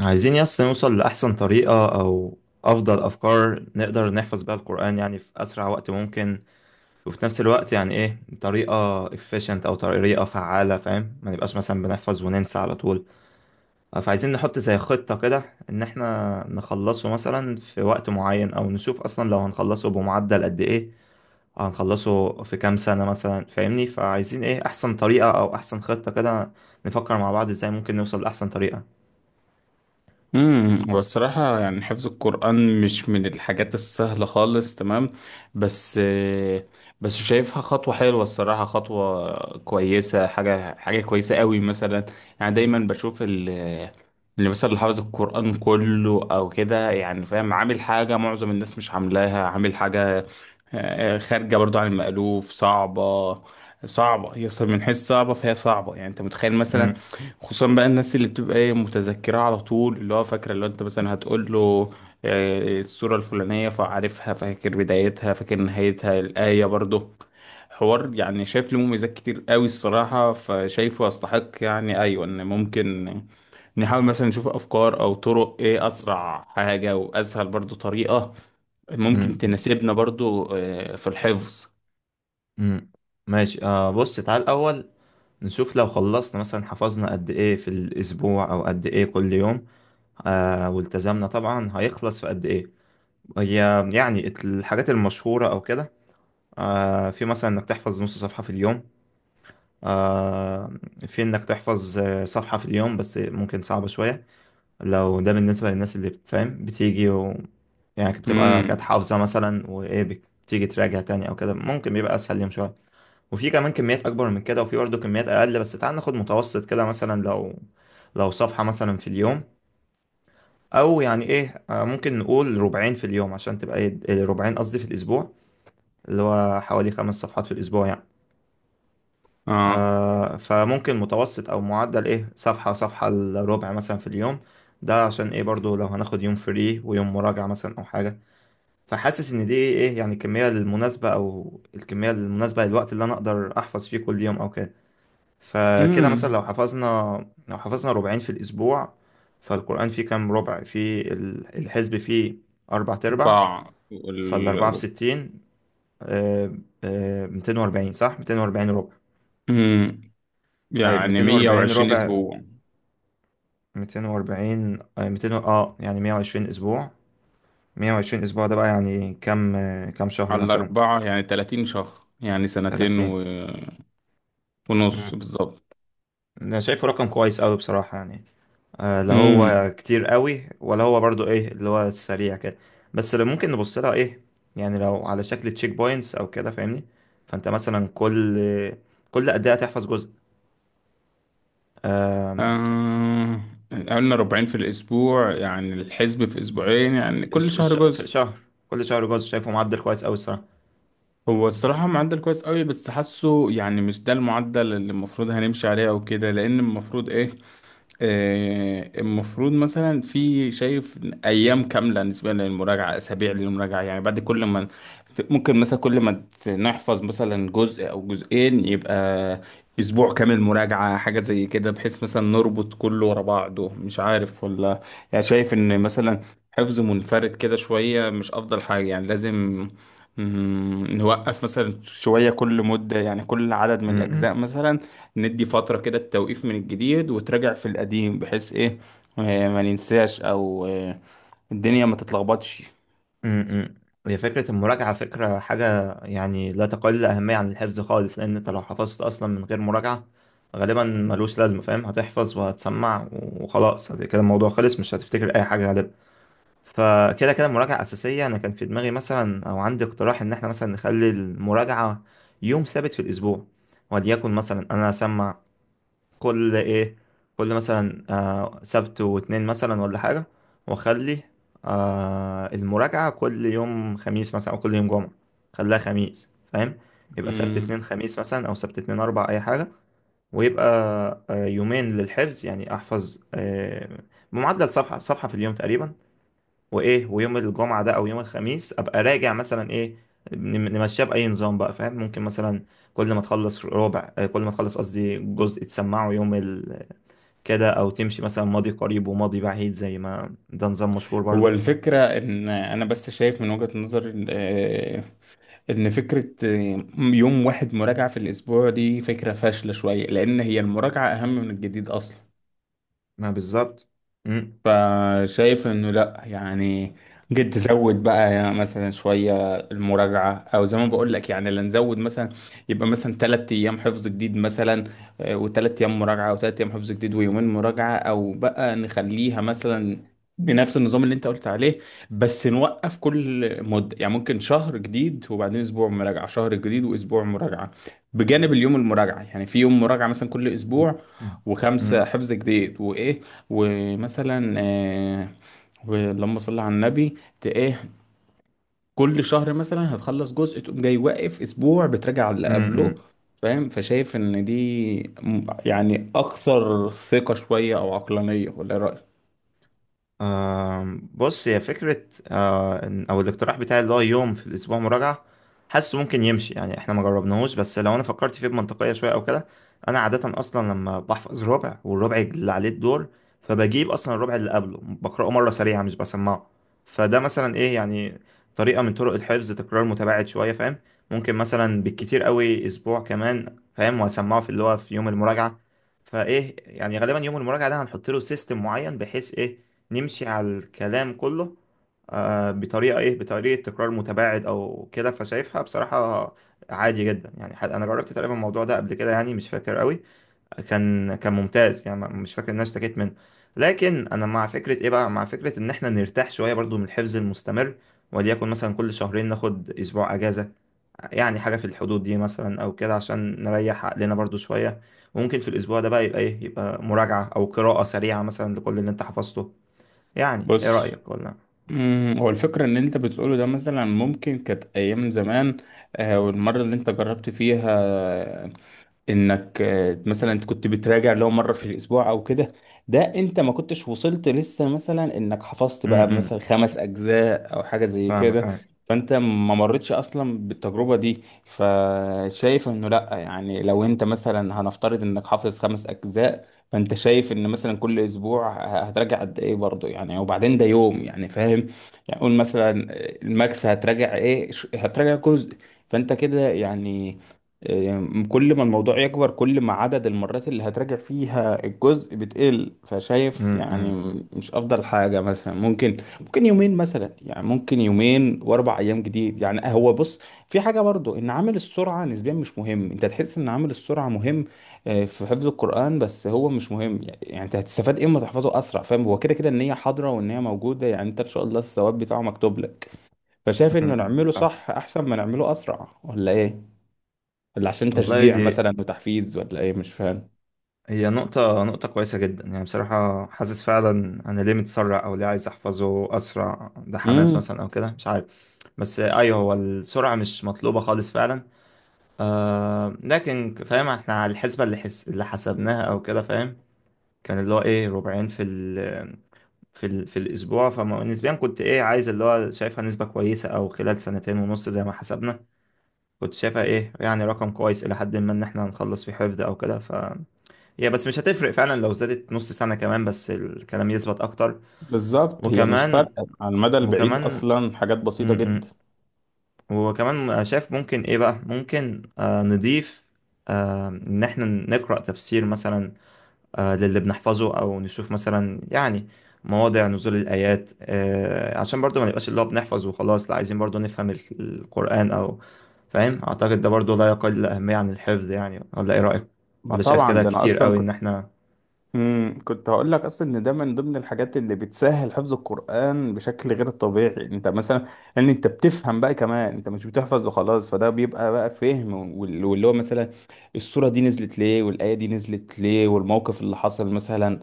عايزين نوصل لأحسن طريقة أو أفضل أفكار نقدر نحفظ بيها القرآن، يعني في أسرع وقت ممكن. وفي نفس الوقت يعني إيه، طريقة efficient أو طريقة فعالة، فاهم؟ ما نبقاش مثلا بنحفظ وننسى على طول. فعايزين نحط زي خطة كده، إن إحنا نخلصه مثلا في وقت معين، أو نشوف أصلا لو هنخلصه بمعدل قد إيه، هنخلصه في كام سنة مثلا، فاهمني؟ فعايزين إيه أحسن طريقة أو أحسن خطة كده، نفكر مع بعض إزاي ممكن نوصل لأحسن طريقة. والصراحة يعني حفظ القرآن مش من الحاجات السهلة خالص. تمام، بس بس شايفها خطوة حلوة الصراحة، خطوة كويسة، حاجة كويسة قوي مثلا. يعني دايما بشوف اللي مثلا اللي حافظ القرآن كله او كده، يعني فاهم، عامل حاجة معظم الناس مش عاملاها، عامل حاجة خارجة برضو عن المألوف، صعبة. صعبة هي أصلاً من حيث صعبة، فهي صعبة، يعني انت متخيل مثلا؟ مم. خصوصا بقى الناس اللي بتبقى ايه متذكرة على طول، اللي هو فاكرة، اللي هو انت مثلا هتقول له السورة الفلانية فعارفها، فاكر بدايتها، فاكر نهايتها، الآية برضه. حوار يعني، شايف له مميزات كتير قوي الصراحة، فشايفه يستحق، يعني ايوه ان ممكن نحاول مثلا نشوف افكار او طرق ايه اسرع حاجة واسهل برضه طريقة ممكن مم. تناسبنا برضه، في الحفظ. امم ماشي. آه، بص، تعال الأول نشوف لو خلصنا مثلا حفظنا قد إيه في الأسبوع أو قد إيه كل يوم، آه، والتزمنا طبعا هيخلص في قد إيه. هي يعني الحاجات المشهورة أو كده، آه، في مثلا إنك تحفظ نص صفحة في اليوم، آه، في إنك تحفظ صفحة في اليوم، بس ممكن صعبة شوية لو ده بالنسبة للناس اللي، فاهم، بتيجي و... يعني بتبقى كانت امم حافظة مثلا وإيه، بتيجي تراجع تاني أو كده، ممكن بيبقى أسهل يوم شوية. وفي كمان كميات اكبر من كده، وفي برضه كميات اقل، بس تعال ناخد متوسط كده، مثلا لو صفحة مثلا في اليوم، او يعني ايه، ممكن نقول ربعين في اليوم عشان تبقى ايه، ربعين قصدي في الاسبوع، اللي هو حوالي 5 صفحات في الاسبوع يعني. اه. آه، فممكن متوسط او معدل، ايه، صفحة الربع مثلا في اليوم. ده عشان ايه، برضو لو هناخد يوم فري ويوم مراجعة مثلا او حاجة. فحاسس ان دي ايه، يعني الكمية المناسبة، او الكمية المناسبة للوقت اللي انا اقدر احفظ فيه كل يوم او كده. فكده مثلا لو امم حفظنا لو حفظنا ربعين في الأسبوع، فالقرآن فيه كام ربع؟ فيه الحزب فيه أربع تربع، اربعة فالأربعة في وال… 60، آه، 240، صح؟ 240 ربع. امم طيب يعني 240 120 ربع، اسبوع. 240، آه، ميتين و- اه يعني 120 أسبوع. 120 أسبوع ده بقى يعني كام، كام شهر على مثلا؟ الاربعه يعني 30 شهر، يعني سنتين 30. و… مم. ونص بالظبط. أنا شايفه رقم كويس أوي بصراحة، يعني لا هو امم كتير قوي ولا هو برضو ايه اللي هو السريع كده. بس اللي ممكن نبص لها، ايه، يعني لو على شكل تشيك بوينتس او كده، فاهمني؟ فانت مثلا كل قد ايه هتحفظ جزء؟ آم، آه... قلنا ربعين في الاسبوع، يعني الحسب في اسبوعين، يعني كل شهر في جزء. شهر، كل شهر جزء، شايفه معدل كويس قوي الصراحه. هو الصراحة معدل كويس قوي، بس حاسه يعني مش ده المعدل اللي المفروض هنمشي عليه او كده، لان المفروض ايه؟ المفروض مثلا، في شايف ايام كامله بالنسبه للمراجعه، اسابيع للمراجعه، يعني بعد كل ما ممكن مثلا، كل ما نحفظ مثلا جزء او جزئين، يبقى اسبوع كامل مراجعه، حاجه زي كده، بحيث مثلا نربط كله ورا بعضه، مش عارف ولا. يعني شايف ان مثلا حفظ منفرد كده شويه مش افضل حاجه، يعني لازم نوقف مثلا شوية كل مدة، يعني كل عدد م- من الأجزاء م- مثلا، ندي فترة كده التوقيف من الجديد وتراجع في القديم، بحيث إيه، ما ننساش أو الدنيا ما تتلخبطش. م. هي فكره المراجعه فكره حاجه يعني لا تقل اهميه عن الحفظ خالص، لان انت لو حفظت اصلا من غير مراجعه غالبا ملوش لازمه، فاهم؟ هتحفظ وهتسمع وخلاص، كده الموضوع خلص، مش هتفتكر اي حاجه غالبا. فكده كده المراجعة أساسية. أنا كان في دماغي مثلا أو عندي اقتراح إن إحنا مثلا نخلي المراجعة يوم ثابت في الأسبوع، وليكن مثلا أنا أسمع كل إيه، كل مثلا آه سبت واتنين مثلا ولا حاجة، وأخلي المراجعة كل يوم خميس مثلا أو كل يوم جمعة، خليها خميس، فاهم؟ يبقى سبت اتنين مم. خميس مثلا، أو سبت اتنين أربع، أي حاجة. ويبقى يومين للحفظ، يعني أحفظ آه بمعدل صفحة في اليوم تقريبا. وايه، ويوم الجمعه ده او يوم الخميس ابقى راجع مثلا، ايه، نمشيها باي نظام بقى، فاهم؟ ممكن مثلا كل ما تخلص ربع، كل ما تخلص قصدي جزء، تسمعه يوم ال... كده، او تمشي مثلا ماضي قريب وماضي بعيد زي ما ده نظام مشهور هو برضو. الفكرة إن أنا بس شايف من وجهة نظر، إن فكرة يوم واحد مراجعة في الأسبوع دي فكرة فاشلة شوية، لأن هي المراجعة أهم من الجديد أصلا. ما بالظبط. فشايف انه لا، يعني جد تزود بقى، يعني مثلا شويه المراجعه، او زي ما بقول لك يعني اللي نزود مثلا، يبقى مثلا ثلاث ايام حفظ جديد مثلا، وثلاث ايام مراجعه، او ثلاث ايام حفظ جديد ويومين مراجعه، او بقى نخليها مثلا بنفس النظام اللي انت قلت عليه، بس نوقف كل مده، يعني ممكن شهر جديد وبعدين اسبوع مراجعه، شهر جديد واسبوع مراجعه، بجانب اليوم المراجعه، يعني في يوم مراجعه مثلا كل اسبوع، وخمسه حفظ جديد، وايه، ومثلا ولما صلى على النبي ايه، كل شهر مثلا هتخلص جزء، تقوم جاي واقف اسبوع بتراجع على اللي قبله، امم. فاهم؟ فشايف ان دي يعني اكثر ثقة شوية او عقلانية، ولا إيه رأيك؟ آم، بص، هي فكرة أو الاقتراح بتاعي اللي هو يوم في الأسبوع مراجعة، حاسه ممكن يمشي يعني. إحنا ما جربناهوش، بس لو أنا فكرت فيه بمنطقية شوية أو كده، أنا عادة أصلا لما بحفظ ربع والربع اللي عليه الدور، فبجيب أصلا الربع اللي قبله بقرأه مرة سريعة مش بسمعه، فده مثلا إيه، يعني طريقة من طرق الحفظ، تكرار متباعد شوية، فاهم؟ ممكن مثلا بالكتير قوي أسبوع كمان، فاهم، وأسمعه في اللي هو في يوم المراجعة. فايه، يعني غالبا يوم المراجعه ده هنحط له سيستم معين بحيث ايه نمشي على الكلام كله، آه، بطريقه ايه، بطريقه تكرار متباعد او كده. فشايفها بصراحه عادي جدا، يعني، انا جربت تقريبا الموضوع ده قبل كده يعني، مش فاكر قوي، كان ممتاز يعني، مش فاكر ان انا اشتكيت منه. لكن انا مع فكره ايه بقى، مع فكره ان احنا نرتاح شويه برضو من الحفظ المستمر، وليكن مثلا كل شهرين ناخد اسبوع اجازه، يعني حاجة في الحدود دي مثلا أو كده، عشان نريح عقلنا برضو شوية. وممكن في الأسبوع ده بقى يبقى إيه، يبقى مراجعة أو قراءة سريعة مثلا لكل اللي أنت حفظته. يعني إيه بص، رأيك؟ ولا؟ هو الفكرة ان انت بتقوله ده مثلا ممكن كانت ايام زمان، والمرة اللي انت جربت فيها، انك مثلا انت كنت بتراجع لو مرة في الاسبوع او كده، ده انت ما كنتش وصلت لسه مثلا انك حفظت بقى إمم. مثلا خمس اجزاء او حاجة زي فاهمك، كده. أيوة. فانت ما مرتش اصلا بالتجربة دي. فشايف انه لا، يعني لو انت مثلا هنفترض انك حافظ خمس اجزاء، فانت شايف ان مثلا كل اسبوع هتراجع قد ايه برضه؟ يعني وبعدين ده يوم، يعني فاهم. يعني قول مثلا الماكس هتراجع ايه، هتراجع جزء. فانت كده يعني كل ما الموضوع يكبر، كل ما عدد المرات اللي هتراجع فيها الجزء بتقل. فشايف يعني إمم، مش افضل حاجة مثلا، ممكن ممكن يومين مثلا، يعني ممكن يومين واربع ايام جديد، يعني هو بص، في حاجة برضو ان عامل السرعة نسبيا مش مهم، انت تحس ان عامل السرعة مهم في حفظ القرآن، بس هو مش مهم يعني، يعني انت هتستفاد ايه اما تحفظه اسرع؟ فاهم. هو كده كده النية حاضرة والنية موجودة، يعني انت ان شاء الله الثواب بتاعه مكتوب لك. فشايف إمم، انه إمم. نعمله فاهم. صح احسن ما نعمله اسرع، ولا ايه؟ ولا عشان والله، تشجيع دي مثلا وتحفيز، ولا ايه، مش فاهم. هي نقطة كويسة جدا، يعني بصراحة حاسس فعلا. أنا ليه متسرع أو ليه عايز أحفظه أسرع؟ ده حماس امم مثلا أو كده، مش عارف. بس أيوه، هو السرعة مش مطلوبة خالص فعلا. آه لكن، فاهم، احنا على الحسبة اللي اللي حسبناها او كده، فاهم، كان اللي هو ايه ربعين في الاسبوع، فنسبيا كنت، ايه، عايز اللي هو شايفها نسبة كويسة، او خلال سنتين ونص زي ما حسبنا. كنت شايفها ايه، يعني رقم كويس الى حد ما، ان احنا هنخلص في حفظ او كده. ف هي بس مش هتفرق فعلا لو زادت نص سنة كمان، بس الكلام يثبت اكتر. بالظبط، هي مش وكمان فارقة على المدى البعيد وكمان اصلا، حاجات بسيطة م- م. جدا. وكمان شايف ممكن ايه بقى، ممكن نضيف ان احنا نقرأ تفسير مثلا، للي بنحفظه، او نشوف مثلا يعني مواضع نزول الايات، عشان برضو ما نبقاش اللي هو بنحفظ وخلاص، لا عايزين برضو نفهم القرآن او، فاهم، اعتقد ده برضو لا يقل اهمية عن الحفظ، يعني ولا ايه رأيك؟ ما ولا شايف طبعا كده ده انا كتير اصلا قوي ان كنت، احنا... كنت هقول لك اصلا ان ده من ضمن الحاجات اللي بتسهل حفظ القران بشكل غير طبيعي. انت مثلا، ان انت بتفهم بقى كمان، انت مش بتحفظ وخلاص، فده بيبقى بقى فهم واللي هو مثلا السوره دي نزلت ليه، والايه دي نزلت ليه، والموقف اللي حصل مثلا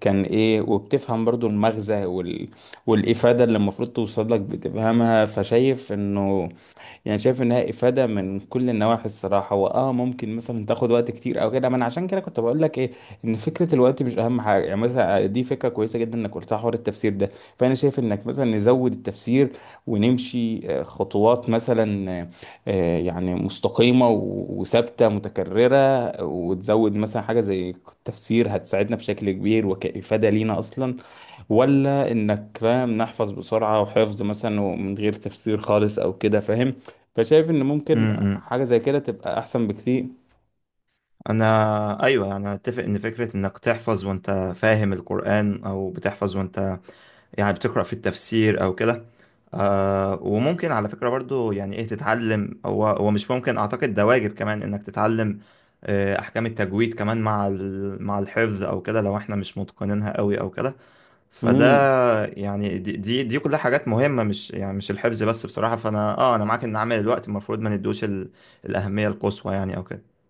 كان ايه، وبتفهم برضو المغزى والافاده اللي المفروض توصل لك بتفهمها. فشايف انه، يعني شايف انها افاده من كل النواحي الصراحه. واه ممكن مثلا تاخد وقت كتير او كده، ما انا عشان كده كنت بقول لك ايه، ان فكره الوقت مش اهم حاجه، يعني مثلا دي فكره كويسه جدا انك قلتها، حوار التفسير ده. فانا شايف انك مثلا نزود التفسير، ونمشي خطوات مثلا يعني مستقيمه وثابته متكرره، وتزود مثلا حاجه زي التفسير هتساعدنا بشكل كبير، وكافاده لينا اصلا. ولا انك فاهم نحفظ بسرعة وحفظ مثلا ومن غير تفسير خالص او كده، فاهم. فشايف ان ممكن امم حاجة زي كده تبقى احسن بكتير. انا، ايوه، انا اتفق ان فكرة انك تحفظ وانت فاهم القرآن، او بتحفظ وانت يعني بتقرأ في التفسير أو كده. آه، وممكن على فكرة برضو، يعني إيه، تتعلم، هو مش ممكن، أعتقد ده واجب كمان إنك تتعلم آه أحكام التجويد كمان مع مع الحفظ أو كده، لو إحنا مش متقنينها قوي أو كده. فده، امم يعني دي كلها حاجات مهمة، مش يعني مش الحفظ بس بصراحة. فأنا آه، أنا معاك إن عامل الوقت المفروض ما ندوش الأهمية القصوى يعني أو كده.